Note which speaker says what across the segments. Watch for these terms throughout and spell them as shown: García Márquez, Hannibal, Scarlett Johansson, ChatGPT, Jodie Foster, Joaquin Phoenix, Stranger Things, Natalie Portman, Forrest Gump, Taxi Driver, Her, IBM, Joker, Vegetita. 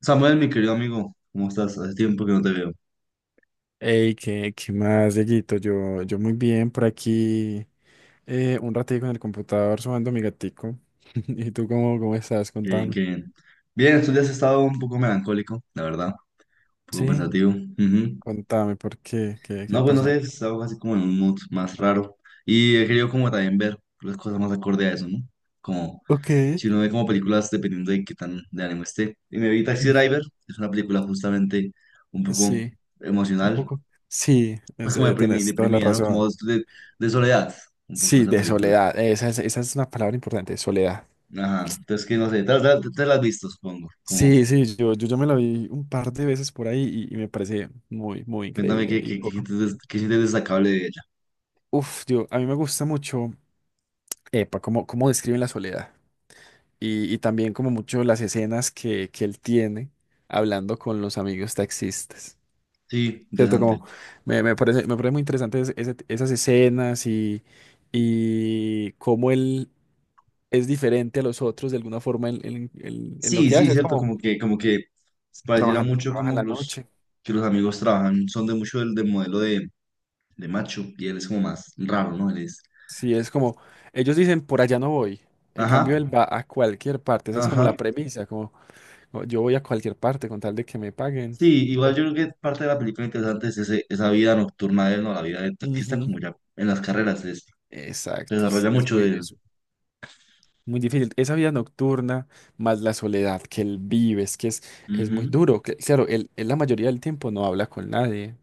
Speaker 1: Samuel, mi querido amigo, ¿cómo estás? Hace tiempo que no te veo.
Speaker 2: Hey, ¿qué más, Dieguito? Yo muy bien por aquí, un ratico en el computador sumando mi gatico. ¿Y tú cómo estás?
Speaker 1: Qué bien,
Speaker 2: Contame.
Speaker 1: qué bien. Bien, estos días he estado un poco melancólico, la verdad, un poco
Speaker 2: Sí,
Speaker 1: pensativo. Ujú.
Speaker 2: contame, ¿por qué? ¿Qué
Speaker 1: No, pues no sé,
Speaker 2: pasa?
Speaker 1: he estado así como en un mood más raro. Y he querido como también ver las cosas más acorde a eso, ¿no? Como
Speaker 2: Ok,
Speaker 1: si uno ve como películas dependiendo de qué tan de ánimo esté. Y me vi Taxi
Speaker 2: mm.
Speaker 1: Driver, es una película justamente un poco
Speaker 2: Sí, un
Speaker 1: emocional,
Speaker 2: poco. Sí,
Speaker 1: pues como
Speaker 2: tenés toda la
Speaker 1: deprimida, ¿no? Como
Speaker 2: razón.
Speaker 1: de soledad, un poco
Speaker 2: Sí,
Speaker 1: esa
Speaker 2: de
Speaker 1: película.
Speaker 2: soledad. Esa es una palabra importante, soledad.
Speaker 1: Ajá, entonces que no sé, te las has visto, supongo, como...
Speaker 2: Sí, sí, yo me la vi un par de veces por ahí y me parece muy, muy
Speaker 1: Cuéntame
Speaker 2: increíble. Y poco.
Speaker 1: qué sientes destacable de ella.
Speaker 2: Uf, yo, a mí me gusta mucho. Epa, cómo describen la soledad. Y también como mucho las escenas que él tiene hablando con los amigos taxistas.
Speaker 1: Sí,
Speaker 2: ¿Cierto?
Speaker 1: interesante.
Speaker 2: Como me parece, me parece muy interesante esas escenas y cómo él es diferente a los otros de alguna forma en lo
Speaker 1: Sí,
Speaker 2: que
Speaker 1: sí,
Speaker 2: hace. Es
Speaker 1: cierto,
Speaker 2: como
Speaker 1: como que pareciera mucho
Speaker 2: trabaja en
Speaker 1: como
Speaker 2: la
Speaker 1: los
Speaker 2: noche.
Speaker 1: que los amigos trabajan, son de mucho del modelo de macho, y él es como más raro, ¿no? Él es.
Speaker 2: Sí, es como ellos dicen por allá no voy. En
Speaker 1: Ajá,
Speaker 2: cambio, él va a cualquier parte. Esa es como
Speaker 1: ajá.
Speaker 2: la premisa, yo voy a cualquier parte con tal de que me paguen.
Speaker 1: Sí, igual
Speaker 2: Voy.
Speaker 1: yo creo que parte de la película interesante es esa vida nocturna de él, ¿no? La vida de taxista
Speaker 2: Ujú.
Speaker 1: como ya en las carreras es, se
Speaker 2: Exacto, es,
Speaker 1: desarrolla mucho de él.
Speaker 2: es muy difícil. Esa vida nocturna más la soledad que él vive, es que es muy
Speaker 1: Ujú.
Speaker 2: duro. Claro, él la mayoría del tiempo no habla con nadie.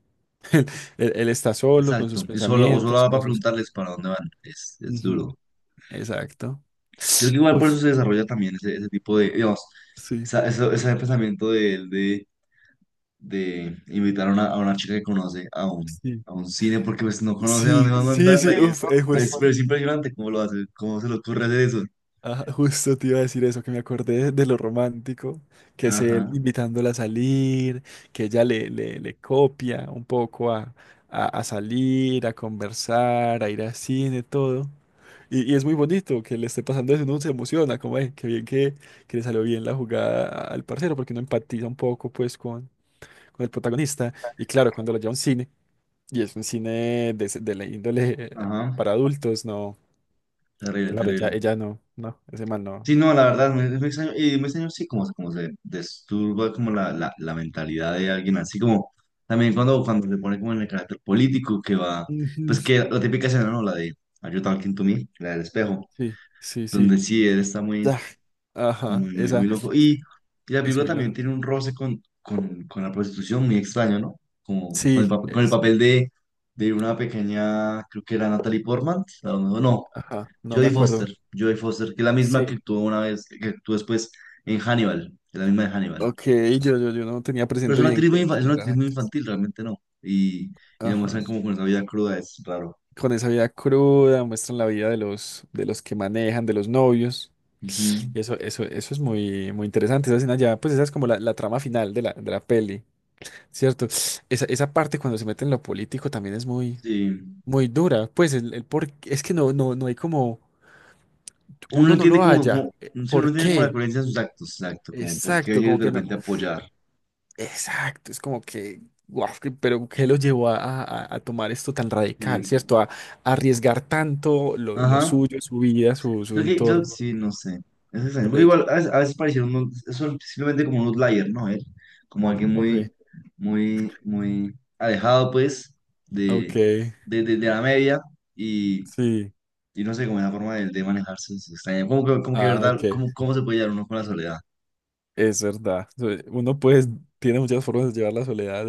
Speaker 2: Él está solo con
Speaker 1: Exacto.
Speaker 2: sus
Speaker 1: Y solo, o solo
Speaker 2: pensamientos,
Speaker 1: va para
Speaker 2: con sus cosas.
Speaker 1: preguntarles para dónde van. Es
Speaker 2: Ujú,
Speaker 1: duro.
Speaker 2: exacto.
Speaker 1: Creo que igual por
Speaker 2: Uf,
Speaker 1: eso se desarrolla también ese tipo de, digamos,
Speaker 2: sí,
Speaker 1: ese pensamiento de de invitar a una chica que conoce
Speaker 2: sí.
Speaker 1: a un cine porque pues no conoce a dónde
Speaker 2: Sí,
Speaker 1: va a
Speaker 2: sí, sí,
Speaker 1: mandarla y es,
Speaker 2: uf,
Speaker 1: pero es,
Speaker 2: pues.
Speaker 1: pero es impresionante cómo lo hace, cómo se le ocurre hacer eso.
Speaker 2: Ah, justo te iba a decir eso, que me acordé de lo romántico, que es él
Speaker 1: Ajá,
Speaker 2: invitándola a salir, que ella le copia un poco a salir, a conversar, a ir al cine, todo. Y es muy bonito que le esté pasando eso, uno se emociona, como, es, que bien que le salió bien la jugada al parcero, porque uno empatiza un poco, pues, con el protagonista. Y claro, cuando lo lleva a un cine, y es un cine de, de la índole
Speaker 1: ajá,
Speaker 2: para adultos, no,
Speaker 1: terrible,
Speaker 2: claro,
Speaker 1: terrible.
Speaker 2: ella no, no, ese man no.
Speaker 1: Sí, no, la verdad, me extraño, y me extraño, sí, como, como se disturba como la mentalidad de alguien, así como también cuando se pone como en el carácter político que va,
Speaker 2: Ujú.
Speaker 1: pues que la típica escena, ¿no? La de "Are you talking to me?" La del espejo
Speaker 2: Sí, sí, sí.
Speaker 1: donde sí, él está
Speaker 2: Ya. Ajá, esa
Speaker 1: muy loco. Y la
Speaker 2: es
Speaker 1: película
Speaker 2: muy
Speaker 1: también
Speaker 2: loco.
Speaker 1: tiene un roce con la prostitución muy extraño, ¿no? Como con el,
Speaker 2: Sí,
Speaker 1: con el
Speaker 2: es.
Speaker 1: papel de una pequeña, creo que era Natalie Portman, a lo no,
Speaker 2: Ajá, no me
Speaker 1: Jodie Foster,
Speaker 2: acuerdo.
Speaker 1: Jodie Foster, que es la misma que
Speaker 2: Sí.
Speaker 1: actuó una vez, que actuó después en Hannibal, es la misma de Hannibal.
Speaker 2: Ok, yo no tenía
Speaker 1: Pero es
Speaker 2: presente
Speaker 1: una
Speaker 2: bien
Speaker 1: actriz muy, es
Speaker 2: quién
Speaker 1: una
Speaker 2: era
Speaker 1: actriz
Speaker 2: la
Speaker 1: muy
Speaker 2: actriz.
Speaker 1: infantil, realmente no. Y le
Speaker 2: Ajá.
Speaker 1: muestran como con esa vida cruda, es raro.
Speaker 2: Con esa vida cruda, muestran la vida de los que manejan, de los novios.
Speaker 1: Ujú.
Speaker 2: Y eso es muy, muy interesante. Esa escena ya, pues esa es como la trama final de la peli, ¿cierto? Esa parte cuando se mete en lo político también es muy,
Speaker 1: Sí.
Speaker 2: muy dura. Pues el por, es que no, no, no hay como.
Speaker 1: Uno no
Speaker 2: Uno no
Speaker 1: entiende
Speaker 2: lo halla. Eh,
Speaker 1: sí, uno sí no
Speaker 2: ¿Por
Speaker 1: entiende como la
Speaker 2: qué?
Speaker 1: coherencia de sus actos, exacto, como por qué
Speaker 2: Exacto,
Speaker 1: ellos
Speaker 2: como
Speaker 1: de
Speaker 2: que no.
Speaker 1: repente apoyar.
Speaker 2: Exacto, es como que, guau, pero ¿qué lo llevó a, a tomar esto tan radical,
Speaker 1: Sí.
Speaker 2: ¿cierto? A arriesgar tanto lo
Speaker 1: Ajá.
Speaker 2: suyo, su vida, su entorno
Speaker 1: Sí, no sé. Es extraño.
Speaker 2: por
Speaker 1: Porque
Speaker 2: ello.
Speaker 1: igual a veces parecieron son simplemente como un outlier, ¿no? Él, como alguien
Speaker 2: Ok,
Speaker 1: muy alejado, pues,
Speaker 2: ok,
Speaker 1: de, de la media y,
Speaker 2: sí,
Speaker 1: y no sé, como la forma de manejarse es extraña.
Speaker 2: ah,
Speaker 1: ¿Verdad?
Speaker 2: ok,
Speaker 1: ¿Cómo, cómo se puede llevar uno con la soledad?
Speaker 2: es verdad. Uno pues tiene muchas formas de llevar la soledad,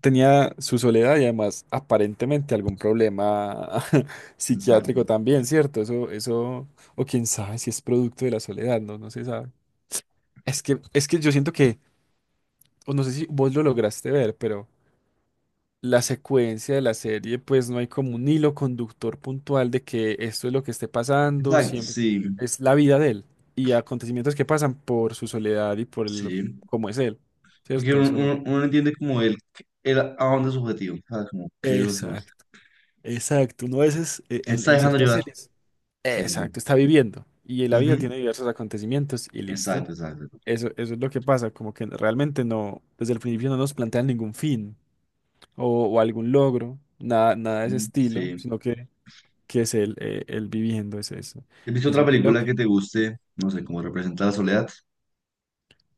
Speaker 2: tenía su soledad y además aparentemente algún problema
Speaker 1: Está
Speaker 2: psiquiátrico
Speaker 1: cool.
Speaker 2: también, ¿cierto? Eso, o quién sabe si es producto de la soledad, no, no se sabe. Es que yo siento que, o no sé si vos lo lograste ver, pero la secuencia de la serie, pues no hay como un hilo conductor puntual de que esto es lo que esté pasando,
Speaker 1: Exacto,
Speaker 2: siempre
Speaker 1: sí,
Speaker 2: es la vida de él y acontecimientos que pasan por su soledad y por el,
Speaker 1: sí.
Speaker 2: cómo es él,
Speaker 1: Porque
Speaker 2: ¿cierto? Eso no.
Speaker 1: uno entiende como él a dónde es su objetivo, ¿sabes? Como qué es lo que gusta.
Speaker 2: Exacto, exacto. Uno a veces
Speaker 1: Él se está
Speaker 2: en
Speaker 1: dejando
Speaker 2: ciertas
Speaker 1: llevar.
Speaker 2: series.
Speaker 1: Sí, sí.
Speaker 2: Exacto, está viviendo. Y la vida
Speaker 1: Ujú.
Speaker 2: tiene diversos acontecimientos y listo.
Speaker 1: Exacto, exacto.
Speaker 2: Eso es lo que pasa, como que realmente no, desde el principio no nos plantean ningún fin o algún logro, nada, nada de ese
Speaker 1: Mm,
Speaker 2: estilo,
Speaker 1: sí.
Speaker 2: sino que es el viviendo, es eso.
Speaker 1: ¿Has visto
Speaker 2: Es
Speaker 1: otra
Speaker 2: muy
Speaker 1: película
Speaker 2: loco.
Speaker 1: que te guste? No sé, como representa la soledad.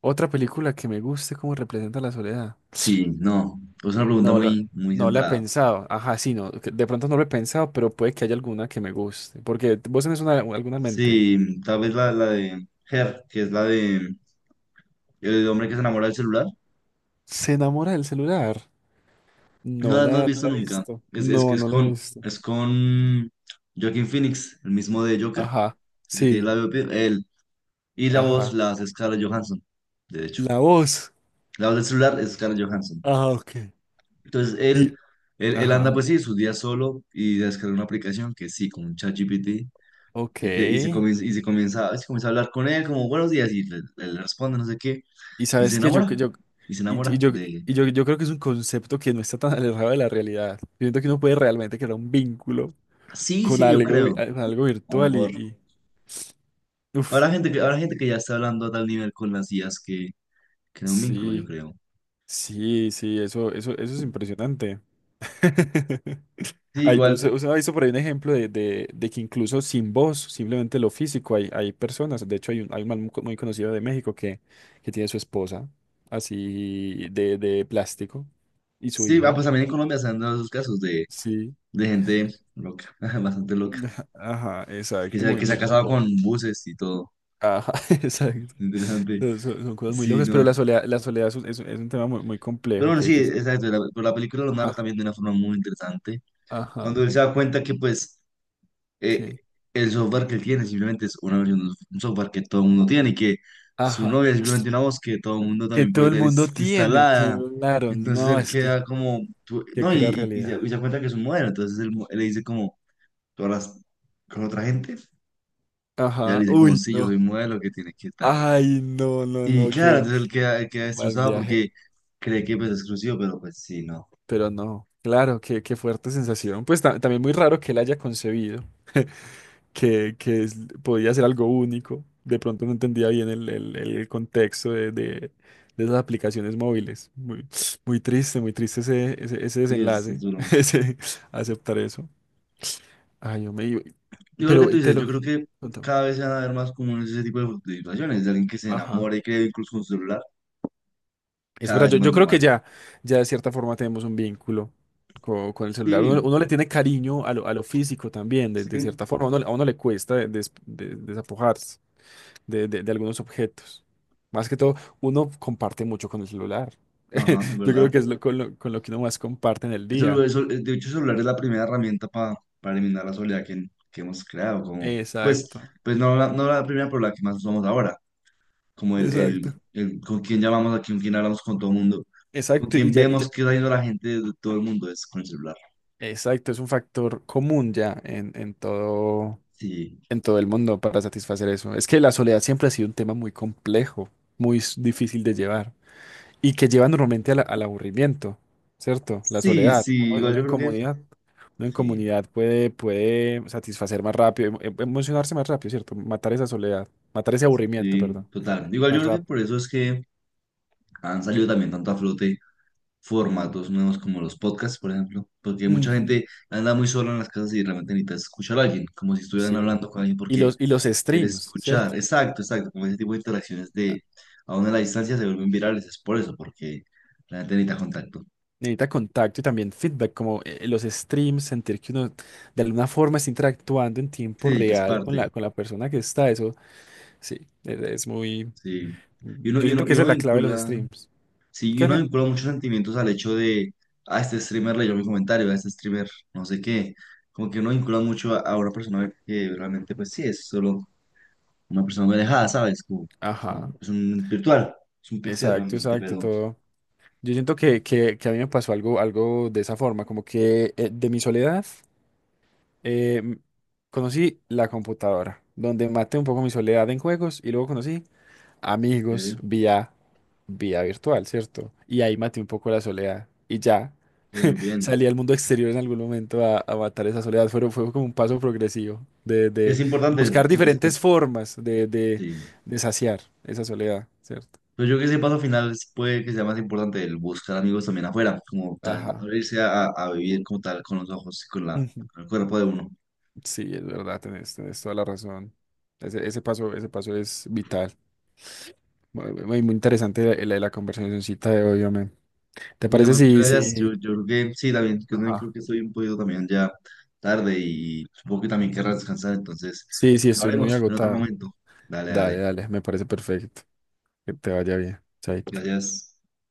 Speaker 2: Otra película que me guste cómo representa la soledad.
Speaker 1: Sí, no. Es una pregunta
Speaker 2: No lo,
Speaker 1: muy, muy
Speaker 2: no la he
Speaker 1: centrada.
Speaker 2: pensado. Ajá, sí, no, que de pronto no lo he pensado, pero puede que haya alguna que me guste. Porque vos tenés una, alguna en mente.
Speaker 1: Sí, tal vez la de Her, que es la de el hombre que se enamora del celular.
Speaker 2: Se enamora del celular.
Speaker 1: No,
Speaker 2: No
Speaker 1: no has
Speaker 2: la, no
Speaker 1: visto
Speaker 2: la he
Speaker 1: nunca.
Speaker 2: visto.
Speaker 1: Es que
Speaker 2: No, no la he visto.
Speaker 1: es con Joaquin Phoenix, el mismo de Joker,
Speaker 2: Ajá.
Speaker 1: el que tiene el
Speaker 2: Sí.
Speaker 1: labio. Y la voz
Speaker 2: Ajá.
Speaker 1: la hace Scarlett Johansson, de hecho.
Speaker 2: La voz.
Speaker 1: La voz del celular es Scarlett Johansson.
Speaker 2: Ajá, ok.
Speaker 1: Entonces
Speaker 2: Y,
Speaker 1: él, él anda
Speaker 2: ajá.
Speaker 1: pues sí, sus días solo y descarga una aplicación que sí, con un ChatGPT.
Speaker 2: Ok.
Speaker 1: Y se, se comienza a hablar con él como buenos días y le, le responde no sé qué.
Speaker 2: Y
Speaker 1: Y se
Speaker 2: sabes que yo,
Speaker 1: enamora. Y se
Speaker 2: y, y
Speaker 1: enamora
Speaker 2: yo,
Speaker 1: de... él.
Speaker 2: y yo, yo creo que es un concepto que no está tan alejado de la realidad. Yo siento que uno puede realmente crear un vínculo
Speaker 1: Sí,
Speaker 2: con
Speaker 1: sí, yo
Speaker 2: algo,
Speaker 1: creo.
Speaker 2: con algo
Speaker 1: A lo
Speaker 2: virtual
Speaker 1: mejor.
Speaker 2: y- uf.
Speaker 1: Habrá gente que ya está hablando a tal nivel con las IAs que crea un vínculo, yo
Speaker 2: Sí,
Speaker 1: creo.
Speaker 2: sí, sí, eso es impresionante.
Speaker 1: Sí,
Speaker 2: Hay,
Speaker 1: igual.
Speaker 2: usted ha visto por ahí un ejemplo de, de que incluso sin voz, simplemente lo físico, hay personas. De hecho, hay un man muy, muy conocido de México que tiene su esposa, así de plástico, y su
Speaker 1: Sí, ah,
Speaker 2: hijo.
Speaker 1: pues también en Colombia se han dado esos casos
Speaker 2: Sí.
Speaker 1: de gente loca, bastante loca.
Speaker 2: Ajá,
Speaker 1: Que
Speaker 2: exacto,
Speaker 1: se,
Speaker 2: muy,
Speaker 1: que se ha
Speaker 2: muy
Speaker 1: casado
Speaker 2: curioso.
Speaker 1: con buses y todo.
Speaker 2: Ajá, exacto.
Speaker 1: Interesante.
Speaker 2: Son, son cosas muy
Speaker 1: Sí,
Speaker 2: locas, pero
Speaker 1: no.
Speaker 2: la soledad es un, es un tema muy, muy
Speaker 1: Pero
Speaker 2: complejo
Speaker 1: bueno, sí,
Speaker 2: que... se-
Speaker 1: exacto. La, pero la película lo narra
Speaker 2: Ajá,
Speaker 1: también de una forma muy interesante.
Speaker 2: ajá,
Speaker 1: Cuando él se da cuenta que, pues, eh,
Speaker 2: que...
Speaker 1: el software que él tiene simplemente es una versión de un software que todo el mundo tiene y que su
Speaker 2: Ajá.
Speaker 1: novia es simplemente una voz que todo el mundo
Speaker 2: Que
Speaker 1: también
Speaker 2: todo
Speaker 1: puede
Speaker 2: el
Speaker 1: tener
Speaker 2: mundo tiene,
Speaker 1: instalada.
Speaker 2: claro,
Speaker 1: Entonces
Speaker 2: no,
Speaker 1: él
Speaker 2: es que,
Speaker 1: queda como,
Speaker 2: qué
Speaker 1: no,
Speaker 2: cruda realidad.
Speaker 1: y se da cuenta que es un modelo. Entonces él, él le dice como, ¿tú hablas con otra gente? Y ella
Speaker 2: Ajá,
Speaker 1: le dice como,
Speaker 2: uy,
Speaker 1: sí, yo soy
Speaker 2: no.
Speaker 1: un modelo que tiene que estar.
Speaker 2: Ay, no, no,
Speaker 1: Y
Speaker 2: no,
Speaker 1: claro,
Speaker 2: qué,
Speaker 1: entonces él queda
Speaker 2: qué mal
Speaker 1: destrozado
Speaker 2: viaje.
Speaker 1: porque cree que pues, es exclusivo, pero pues sí, no.
Speaker 2: Pero no, claro, qué, qué fuerte sensación. Pues también muy raro que él haya concebido que es- podía ser algo único. De pronto no entendía bien el, el contexto de esas aplicaciones móviles. Muy, muy triste ese, ese, ese
Speaker 1: Sí, es
Speaker 2: desenlace,
Speaker 1: duro.
Speaker 2: ese aceptar eso. Ay, yo me...
Speaker 1: Digo lo que
Speaker 2: Pero
Speaker 1: tú
Speaker 2: te
Speaker 1: dices, yo
Speaker 2: lo...
Speaker 1: creo que
Speaker 2: contame.
Speaker 1: cada vez se van a ver más comunes ese tipo de situaciones, de alguien que se
Speaker 2: Ajá.
Speaker 1: enamora y cree incluso con su celular,
Speaker 2: Es
Speaker 1: cada
Speaker 2: verdad,
Speaker 1: vez
Speaker 2: yo,
Speaker 1: es más
Speaker 2: yo creo que
Speaker 1: normal.
Speaker 2: ya, ya de cierta forma tenemos un vínculo con, el celular. Uno,
Speaker 1: Sí,
Speaker 2: uno le tiene cariño a lo físico también, de
Speaker 1: sí,
Speaker 2: cierta forma. A uno, a uno le cuesta desapojarse de, de algunos objetos. Más que todo, uno comparte mucho con el celular.
Speaker 1: ajá, es
Speaker 2: Yo creo
Speaker 1: verdad.
Speaker 2: que es lo, con lo, con lo que uno más comparte en el
Speaker 1: El celu-
Speaker 2: día.
Speaker 1: el cel- De hecho, el celular es la primera herramienta para eliminar la soledad que hemos creado, como, pues,
Speaker 2: Exacto.
Speaker 1: pues no, la, no la primera, pero la que más usamos ahora. Como
Speaker 2: Exacto.
Speaker 1: el con quién llamamos aquí, con quién hablamos con todo el mundo, con
Speaker 2: Exacto, y
Speaker 1: quién
Speaker 2: ya,
Speaker 1: vemos qué está yendo la gente de todo el mundo es con el celular.
Speaker 2: exacto, es un factor común ya en todo.
Speaker 1: Sí,
Speaker 2: En todo el mundo para satisfacer eso. Es que la soledad siempre ha sido un tema muy complejo, muy difícil de llevar y que lleva normalmente al al aburrimiento, ¿cierto? La
Speaker 1: sí,
Speaker 2: soledad.
Speaker 1: sí,
Speaker 2: Uno,
Speaker 1: igual yo creo que,
Speaker 2: uno en
Speaker 1: sí,
Speaker 2: comunidad puede, puede satisfacer más rápido, emocionarse más rápido, ¿cierto? Matar esa soledad, matar ese aburrimiento,
Speaker 1: sí,
Speaker 2: perdón,
Speaker 1: total. Igual yo
Speaker 2: más
Speaker 1: creo que
Speaker 2: rápido.
Speaker 1: por eso es que han salido también tanto a flote formatos nuevos como los podcasts, por ejemplo, porque mucha
Speaker 2: Ujú.
Speaker 1: gente anda muy sola en las casas y realmente necesita escuchar a alguien, como si estuvieran
Speaker 2: Sí.
Speaker 1: hablando con alguien, porque
Speaker 2: Y los
Speaker 1: el
Speaker 2: streams,
Speaker 1: escuchar,
Speaker 2: ¿cierto?
Speaker 1: exacto, exacto, como ese tipo de interacciones de aún a la distancia se vuelven virales, es por eso, porque la gente necesita contacto.
Speaker 2: Necesita contacto y también feedback, como los streams, sentir que uno de alguna forma está interactuando en tiempo
Speaker 1: Sí, que es
Speaker 2: real
Speaker 1: parte,
Speaker 2: con la persona que está. Eso sí, es muy.
Speaker 1: sí. Y
Speaker 2: Yo siento que esa
Speaker 1: uno
Speaker 2: es la clave de los
Speaker 1: vincula,
Speaker 2: streams.
Speaker 1: sí, y
Speaker 2: ¿Qué
Speaker 1: uno
Speaker 2: me-
Speaker 1: vincula muchos sentimientos al hecho de, a este streamer leyó mi comentario, a este streamer no sé qué. Como que uno vincula mucho a una persona que realmente, pues sí, es solo una persona muy alejada, ¿sabes? Como, es,
Speaker 2: Ajá,
Speaker 1: es un virtual, es un pixel
Speaker 2: exacto,
Speaker 1: realmente,
Speaker 2: exacto,
Speaker 1: pero
Speaker 2: todo. Yo siento que a mí me pasó algo, algo de esa forma, como que de mi soledad eh, m- conocí la computadora, donde maté un poco mi soledad en juegos y luego conocí amigos
Speaker 1: que
Speaker 2: vía, vía virtual, ¿cierto? Y ahí maté un poco la soledad y ya
Speaker 1: muy bien.
Speaker 2: salí al mundo exterior en algún momento a matar esa soledad. Fue, fue como un paso progresivo
Speaker 1: Es
Speaker 2: de
Speaker 1: importante,
Speaker 2: buscar diferentes formas
Speaker 1: sí.
Speaker 2: de saciar esa soledad, ¿cierto?
Speaker 1: Pero yo creo que ese paso final puede que sea más importante, el buscar amigos también afuera, como tan,
Speaker 2: Ajá.
Speaker 1: abrirse a, a vivir como tal con los ojos y con la,
Speaker 2: Ujú.
Speaker 1: con el cuerpo de uno.
Speaker 2: Sí, es verdad, tenés, tenés toda la razón. Ese, ese paso es vital. Muy, muy muy interesante la, la, la conversacioncita de hoy, hombre. ¿Te
Speaker 1: Y
Speaker 2: parece
Speaker 1: también muchas
Speaker 2: sí
Speaker 1: gracias.
Speaker 2: sí
Speaker 1: Yo creo que sí, también, yo también creo
Speaker 2: Ajá.
Speaker 1: que estoy un poquito también ya tarde y supongo que también querrás descansar, entonces
Speaker 2: Sí, sí, estoy muy
Speaker 1: hablaremos en otro
Speaker 2: agotado.
Speaker 1: momento. Dale,
Speaker 2: Dale,
Speaker 1: dale.
Speaker 2: dale, me parece perfecto. Que te vaya bien. Chaito.
Speaker 1: Gracias.